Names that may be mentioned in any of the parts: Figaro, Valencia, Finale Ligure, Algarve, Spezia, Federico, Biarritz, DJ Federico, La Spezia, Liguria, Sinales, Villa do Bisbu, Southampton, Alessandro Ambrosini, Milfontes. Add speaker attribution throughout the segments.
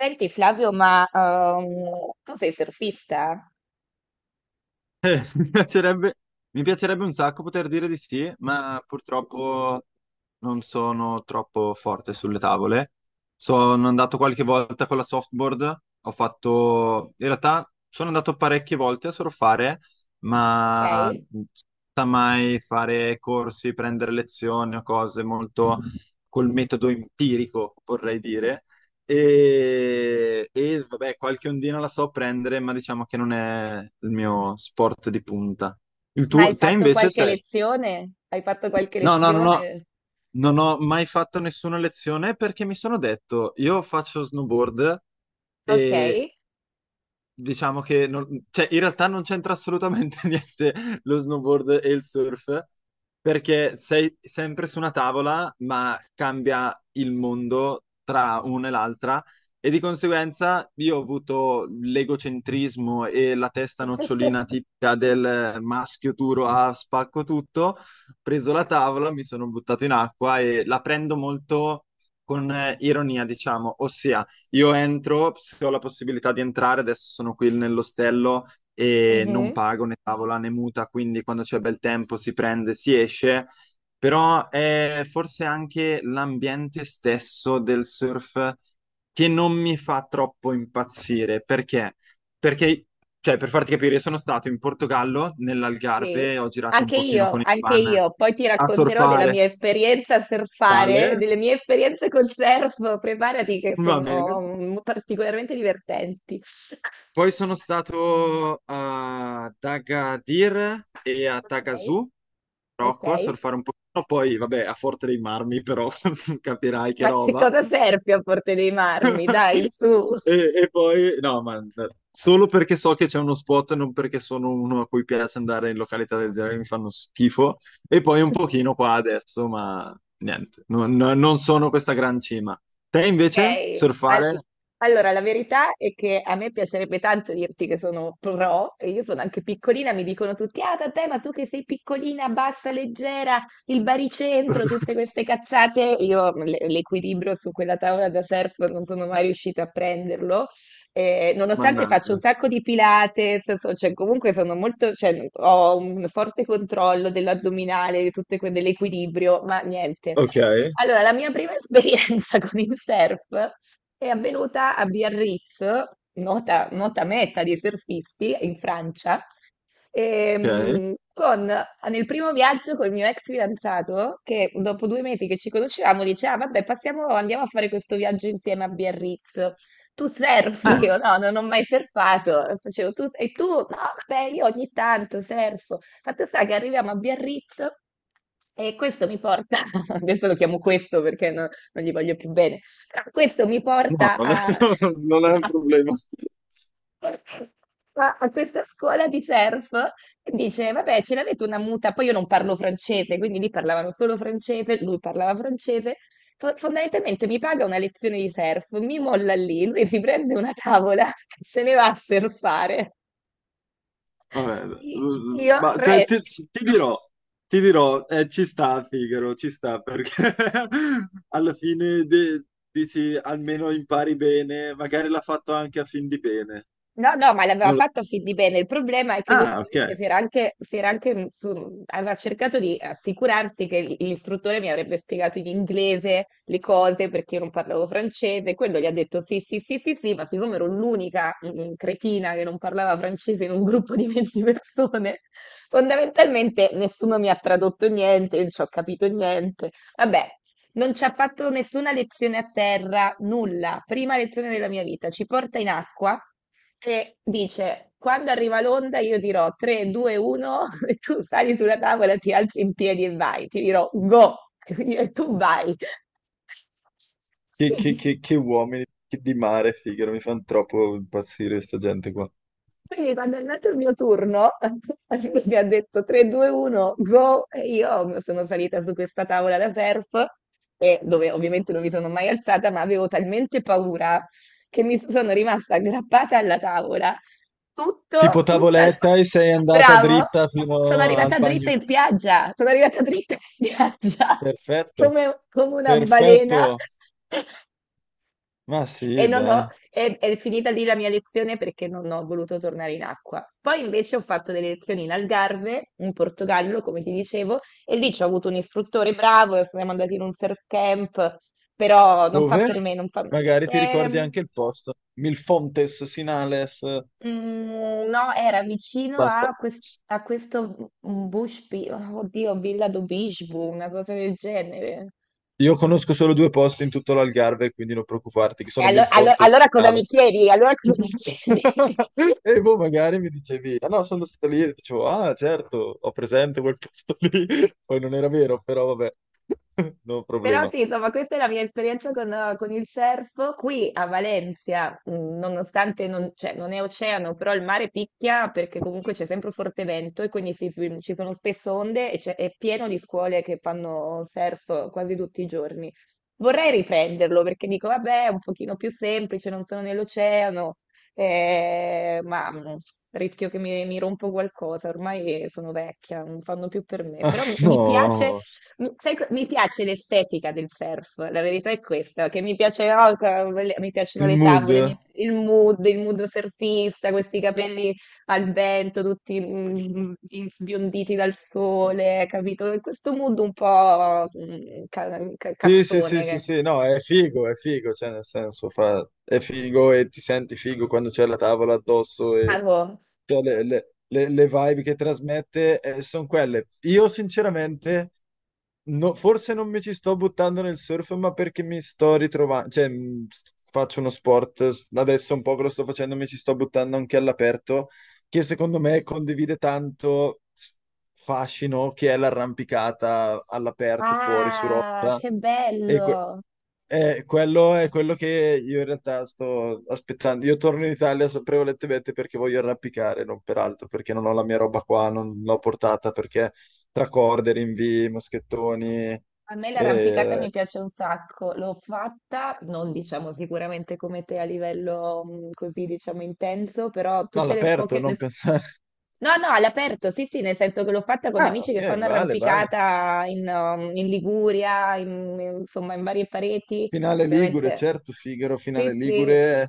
Speaker 1: Senti Flavio, ma tu sei surfista,
Speaker 2: Eh, mi piacerebbe, mi piacerebbe un sacco poter dire di sì, ma purtroppo non sono troppo forte sulle tavole. Sono andato qualche volta con la softboard, in realtà sono andato parecchie volte a surfare, ma
Speaker 1: ok?
Speaker 2: senza mai fare corsi, prendere lezioni o cose molto col metodo empirico, vorrei dire. E vabbè, qualche ondina la so prendere, ma diciamo che non è il mio sport di punta. Il
Speaker 1: Ma hai
Speaker 2: tuo, te
Speaker 1: fatto
Speaker 2: invece
Speaker 1: qualche
Speaker 2: sei...
Speaker 1: lezione? Hai fatto qualche
Speaker 2: No, no, no, no,
Speaker 1: lezione?
Speaker 2: non ho mai fatto nessuna lezione perché mi sono detto, io faccio snowboard.
Speaker 1: Ok,
Speaker 2: E Diciamo che non- Cioè, in realtà non c'entra assolutamente niente lo snowboard e il surf, perché sei sempre su una tavola, ma cambia il mondo tra una e l'altra, e di conseguenza io ho avuto l'egocentrismo e la testa nocciolina tipica del maschio duro a spacco tutto, ho preso la tavola, mi sono buttato in acqua e la prendo molto con ironia, diciamo, ossia io entro, se ho la possibilità di entrare, adesso sono qui nell'ostello e non
Speaker 1: mhm,
Speaker 2: pago né tavola né muta, quindi quando c'è bel tempo si prende, si esce, però è forse anche l'ambiente stesso del surf che non mi fa troppo impazzire, perché? Perché, cioè, per farti capire, io sono stato in Portogallo,
Speaker 1: sì,
Speaker 2: nell'Algarve, ho girato un
Speaker 1: anche
Speaker 2: pochino
Speaker 1: io,
Speaker 2: con il
Speaker 1: anche
Speaker 2: van
Speaker 1: io. Poi ti
Speaker 2: a
Speaker 1: racconterò della
Speaker 2: surfare.
Speaker 1: mia esperienza a surfare,
Speaker 2: Vale,
Speaker 1: delle mie esperienze col surf. Preparati che
Speaker 2: va
Speaker 1: sono
Speaker 2: bene.
Speaker 1: particolarmente divertenti.
Speaker 2: Poi sono stato a Dagadir e a
Speaker 1: Ok,
Speaker 2: Tagazù,
Speaker 1: ok.
Speaker 2: Marocco, a surfare un pochino, poi vabbè a Forte dei Marmi, però capirai che
Speaker 1: Ma che
Speaker 2: roba.
Speaker 1: cosa surfi a Porte dei Marmi? Dai, su.
Speaker 2: E poi, no, ma solo perché so che c'è uno spot, non perché sono uno a cui piace andare in località del genere, mi fanno schifo. E poi un pochino qua adesso, ma niente, non, non sono questa gran cima. Te invece,
Speaker 1: Ok,
Speaker 2: surfare?
Speaker 1: allora la verità è che a me piacerebbe tanto dirti che sono pro, e io sono anche piccolina. Mi dicono tutti: "Ah vabbè, ma tu che sei piccolina, bassa, leggera, il baricentro", tutte queste cazzate, io l'equilibrio su quella tavola da surf non sono mai riuscita a prenderlo. Nonostante faccio un
Speaker 2: Mannaggia.
Speaker 1: sacco di pilates, cioè, comunque sono molto, cioè, ho un forte controllo dell'addominale, di tutte dell'equilibrio, ma niente.
Speaker 2: Ok,
Speaker 1: Allora, la mia prima esperienza con il surf è avvenuta a Biarritz, nota meta di surfisti in Francia.
Speaker 2: ok.
Speaker 1: Con, nel primo viaggio col mio ex fidanzato, che dopo 2 mesi che ci conoscevamo, diceva: "Ah, vabbè, passiamo, andiamo a fare questo viaggio insieme a Biarritz. Tu surfi?"
Speaker 2: Eh,
Speaker 1: Io no, non ho mai surfato. Facevo: "Tu, e tu?" "No, vabbè, io ogni tanto surfo." Fatto sta che arriviamo a Biarritz e questo mi porta, adesso lo chiamo questo perché non gli voglio più bene, però questo mi
Speaker 2: no,
Speaker 1: porta
Speaker 2: non è non è un problema.
Speaker 1: a a questa scuola di surf e dice: "Vabbè, ce l'avete una muta?" Poi io non parlo francese, quindi lì parlavano solo francese, lui parlava francese. Fondamentalmente mi paga una lezione di surf, mi molla lì, lui si prende una tavola e se ne va a surfare.
Speaker 2: Vabbè,
Speaker 1: Io
Speaker 2: ma te- ti,
Speaker 1: resto.
Speaker 2: ti dirò, ti dirò, eh, ci sta Figaro, ci sta perché alla fine dici almeno impari bene, magari l'ha fatto anche a fin di bene.
Speaker 1: No, no, ma l'aveva
Speaker 2: Non lo-
Speaker 1: fatto fin di bene. Il problema è che lui
Speaker 2: Ah, ok.
Speaker 1: ovviamente si era anche, mm, su- aveva cercato di assicurarsi che l'istruttore mi avrebbe spiegato in inglese le cose perché io non parlavo francese. Quello gli ha detto sì, sì, sì, sì, sì, ma siccome ero l'unica cretina che non parlava francese in un gruppo di 20 persone, fondamentalmente nessuno mi ha tradotto niente, io non ci ho capito niente. Vabbè. Non ci ha fatto nessuna lezione a terra, nulla. Prima lezione della mia vita. Ci porta in acqua e dice: "Quando arriva l'onda, io dirò 3, 2, 1, e tu sali sulla tavola, ti alzi in piedi e vai. Ti dirò go, e tu vai."
Speaker 2: Che, che- che- che uomini che di mare, Figaro, mi fanno troppo impazzire questa gente qua.
Speaker 1: Quindi quando è andato il mio turno, mi ha detto 3, 2, 1, go, e io sono salita su questa tavola da surf, e dove ovviamente non mi sono mai alzata, ma avevo talmente paura che mi sono rimasta aggrappata alla tavola,
Speaker 2: Tipo
Speaker 1: tutto, tutta...
Speaker 2: tavoletta e sei andata
Speaker 1: Bravo!
Speaker 2: dritta
Speaker 1: Sono
Speaker 2: fino al
Speaker 1: arrivata
Speaker 2: bagno.
Speaker 1: dritta in spiaggia, sono arrivata dritta in spiaggia,
Speaker 2: Perfetto,
Speaker 1: come una balena.
Speaker 2: perfetto. Ma
Speaker 1: E
Speaker 2: sì,
Speaker 1: non ho,
Speaker 2: dai.
Speaker 1: è finita lì la mia lezione perché non ho voluto tornare in acqua. Poi invece ho fatto delle lezioni in Algarve, in Portogallo, come ti dicevo, e lì ci ho avuto un istruttore bravo, e siamo andati in un surf camp, però non fa
Speaker 2: Dove?
Speaker 1: per me, non fa...
Speaker 2: Magari ti
Speaker 1: è-
Speaker 2: ricordi
Speaker 1: mm,
Speaker 2: anche il posto. Milfontes, Sinales,
Speaker 1: no, era vicino
Speaker 2: basta.
Speaker 1: a, a questo Bush, oddio, Villa do Bisbu, una cosa del genere.
Speaker 2: Io conosco solo due posti in tutto l'Algarve, quindi non preoccuparti, che
Speaker 1: E
Speaker 2: sono Milfontes e
Speaker 1: allora cosa mi
Speaker 2: Sinales.
Speaker 1: chiedi? Allora cosa mi chiedi?
Speaker 2: E boh, magari mi dicevi, ah no, sono stato lì, e dicevo, ah certo, ho presente quel posto lì. Poi non era vero, però vabbè, no
Speaker 1: Però
Speaker 2: problema.
Speaker 1: sì, insomma, questa è la mia esperienza con il surf. Qui a Valencia, nonostante non, cioè, non è oceano, però il mare picchia perché comunque c'è sempre forte vento e quindi ci sono spesso onde e è pieno di scuole che fanno surf quasi tutti i giorni. Vorrei riprenderlo perché dico, vabbè, è un pochino più semplice, non sono nell'oceano, ma rischio che mi rompo qualcosa, ormai sono vecchia, non fanno più per me.
Speaker 2: Ah,
Speaker 1: Però mi piace
Speaker 2: no,
Speaker 1: l'estetica del surf, la verità è questa, che mi piace no, mi piacciono
Speaker 2: il
Speaker 1: le tavole,
Speaker 2: mood.
Speaker 1: il mood surfista, questi capelli al vento, tutti sbionditi dal sole, capito? Questo mood un po'
Speaker 2: Sì, sì, sì,
Speaker 1: cazzone.
Speaker 2: sì, sì, no, è figo, cioè nel senso, è figo e ti senti figo quando c'è la tavola addosso
Speaker 1: Ah,
Speaker 2: e
Speaker 1: boh.
Speaker 2: cioè, le vibe che trasmette sono quelle. Io sinceramente, forse non mi ci sto buttando nel surf, ma perché mi sto ritrovando, cioè, faccio uno sport, adesso un po' che lo sto facendo, mi ci sto buttando anche all'aperto, che secondo me condivide tanto fascino che è l'arrampicata all'aperto fuori su
Speaker 1: Ah,
Speaker 2: rotta.
Speaker 1: che
Speaker 2: E
Speaker 1: bello!
Speaker 2: quello è quello che io in realtà sto aspettando. Io torno in Italia prevalentemente perché voglio arrampicare, non peraltro, perché non ho la mia roba qua, non l'ho portata perché tra corde, rinvii, moschettoni,
Speaker 1: A me l'arrampicata
Speaker 2: eh,
Speaker 1: mi piace un sacco, l'ho fatta, non diciamo sicuramente come te a livello così diciamo intenso, però
Speaker 2: no,
Speaker 1: tutte le
Speaker 2: all'aperto,
Speaker 1: poche...
Speaker 2: non pensare.
Speaker 1: No, no, all'aperto, sì, sì, nel senso che l'ho fatta con
Speaker 2: Ah,
Speaker 1: amici
Speaker 2: ok,
Speaker 1: che fanno
Speaker 2: vale, vale.
Speaker 1: arrampicata in Liguria, insomma in varie pareti,
Speaker 2: Finale Ligure,
Speaker 1: ovviamente.
Speaker 2: certo, Figaro,
Speaker 1: Sì,
Speaker 2: Finale Ligure
Speaker 1: sì,
Speaker 2: è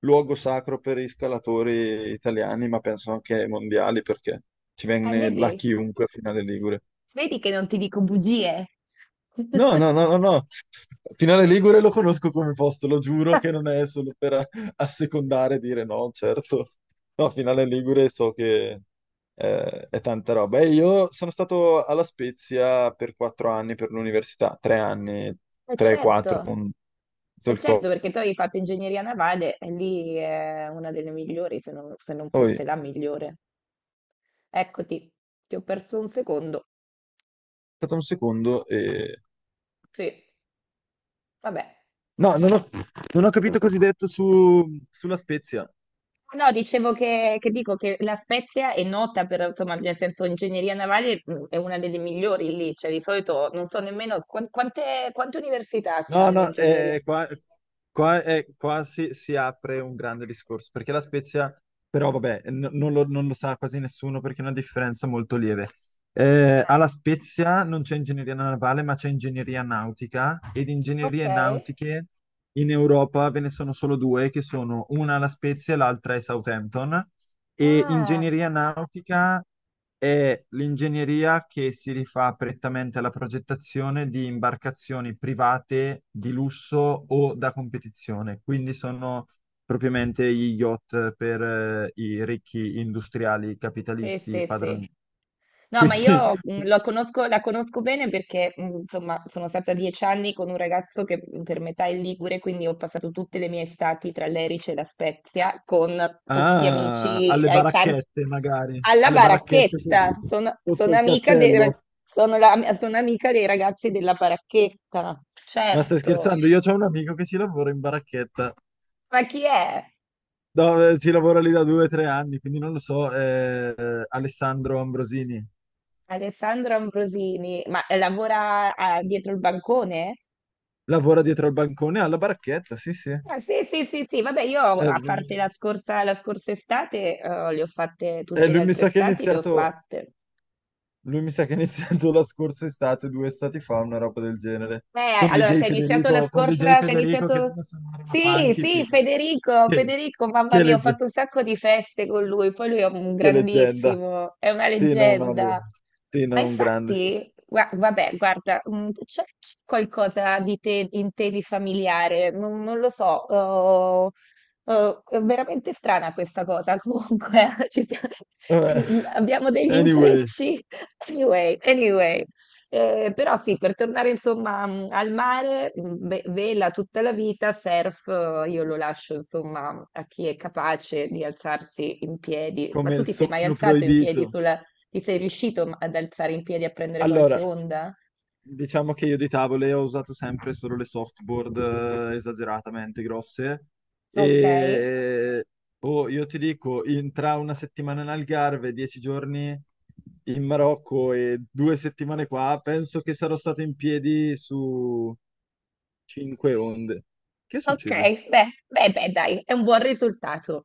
Speaker 2: luogo sacro per i scalatori italiani, ma penso anche ai mondiali perché ci
Speaker 1: eh,
Speaker 2: viene là
Speaker 1: vedi,
Speaker 2: chiunque a Finale Ligure.
Speaker 1: vedi che non ti dico bugie.
Speaker 2: No, no, no, no, no. Finale Ligure lo conosco come posto, lo giuro che non è solo per assecondare e dire no, certo. No, Finale Ligure so che è tanta roba. E io sono stato alla Spezia per 4 anni per l'università, 3 anni,
Speaker 1: Eh
Speaker 2: tre, quattro
Speaker 1: certo.
Speaker 2: con tutto
Speaker 1: E
Speaker 2: il
Speaker 1: certo, perché tu avevi fatto ingegneria navale e lì è una delle migliori, se non
Speaker 2: poi,
Speaker 1: forse la migliore. Eccoti, ti ho perso un secondo.
Speaker 2: aspetta un secondo.
Speaker 1: Sì, vabbè.
Speaker 2: No, non ho capito cosa hai detto sulla Spezia.
Speaker 1: No, dicevo che, dico che La Spezia è nota per, insomma, nel senso, ingegneria navale è una delle migliori lì, cioè di solito non so nemmeno quante università
Speaker 2: No,
Speaker 1: hanno
Speaker 2: no,
Speaker 1: ingegneria.
Speaker 2: qua si apre un grande discorso, perché la Spezia, però vabbè, non lo sa quasi nessuno perché è una differenza molto lieve. Alla Spezia non c'è ingegneria navale, ma c'è ingegneria nautica ed
Speaker 1: Ah, ok.
Speaker 2: ingegnerie nautiche in Europa ve ne sono solo due, che sono una alla Spezia e l'altra è Southampton. E
Speaker 1: Ah.
Speaker 2: ingegneria nautica è l'ingegneria che si rifà prettamente alla progettazione di imbarcazioni private di lusso o da competizione, quindi sono propriamente gli yacht per i ricchi industriali
Speaker 1: Sì,
Speaker 2: capitalisti
Speaker 1: sì, sì.
Speaker 2: padroni.
Speaker 1: No, ma
Speaker 2: Quindi
Speaker 1: io la conosco bene perché, insomma, sono stata 10 anni con un ragazzo che per metà è ligure, quindi ho passato tutte le mie estati tra l'Erice e la Spezia con tutti
Speaker 2: ah,
Speaker 1: amici,
Speaker 2: alle baracchette magari,
Speaker 1: alla
Speaker 2: alle baracchette
Speaker 1: baracchetta. Sono,
Speaker 2: sotto
Speaker 1: sono
Speaker 2: il
Speaker 1: amica dei, ra-
Speaker 2: castello.
Speaker 1: sono la- sono amica dei ragazzi della baracchetta,
Speaker 2: Ma stai
Speaker 1: certo.
Speaker 2: scherzando? Io ho un amico che ci lavora in baracchetta.
Speaker 1: Ma chi è?
Speaker 2: No, si lavora lì da 2 o 3 anni, quindi non lo so. Alessandro Ambrosini
Speaker 1: Alessandro Ambrosini, ma lavora dietro il bancone?
Speaker 2: lavora dietro al bancone alla baracchetta, sì, sì.
Speaker 1: Ah, sì, sì, sì, sì, vabbè, io a parte la scorsa estate, le ho fatte tutte le
Speaker 2: Lui mi
Speaker 1: altre
Speaker 2: sa che ha
Speaker 1: estati, le ho
Speaker 2: iniziato,
Speaker 1: fatte.
Speaker 2: lui mi sa che ha iniziato la scorsa estate, 2 estati fa, una roba del genere.
Speaker 1: Eh,
Speaker 2: Con
Speaker 1: allora
Speaker 2: DJ
Speaker 1: se hai iniziato la
Speaker 2: Federico, con DJ
Speaker 1: scorsa se hai
Speaker 2: Federico che
Speaker 1: iniziato
Speaker 2: deve suonare una
Speaker 1: sì,
Speaker 2: funky,
Speaker 1: sì,
Speaker 2: figa.
Speaker 1: Federico,
Speaker 2: Che,
Speaker 1: Federico, mamma
Speaker 2: che
Speaker 1: mia, ho
Speaker 2: legge-
Speaker 1: fatto un sacco di feste con lui, poi lui è un
Speaker 2: che leggenda.
Speaker 1: grandissimo, è una
Speaker 2: Sì, no, no, lui.
Speaker 1: leggenda.
Speaker 2: Sì,
Speaker 1: Ma
Speaker 2: no, un grande, sì.
Speaker 1: infatti, vabbè, guarda, c'è qualcosa di te, in te di familiare, non lo so, oh, oh, è veramente strana questa cosa, comunque
Speaker 2: Vabbè.
Speaker 1: abbiamo degli
Speaker 2: Anyway,
Speaker 1: intrecci. Anyway, anyway. Però sì, per tornare insomma al mare, vela tutta la vita, surf io lo lascio insomma a chi è capace di alzarsi in piedi. Ma
Speaker 2: come
Speaker 1: tu
Speaker 2: il
Speaker 1: ti sei mai
Speaker 2: sogno
Speaker 1: alzato in piedi
Speaker 2: proibito.
Speaker 1: sulla... Ti sei riuscito ad alzare in piedi a prendere qualche
Speaker 2: Allora,
Speaker 1: onda?
Speaker 2: diciamo che io di tavole ho usato sempre solo le softboard esageratamente grosse.
Speaker 1: Ok,
Speaker 2: E oh, io ti dico, tra una settimana in Algarve, 10 giorni in Marocco e 2 settimane qua, penso che sarò stato in piedi su cinque onde. Che
Speaker 1: ok,
Speaker 2: succede?
Speaker 1: beh, beh, beh, dai, è un buon risultato.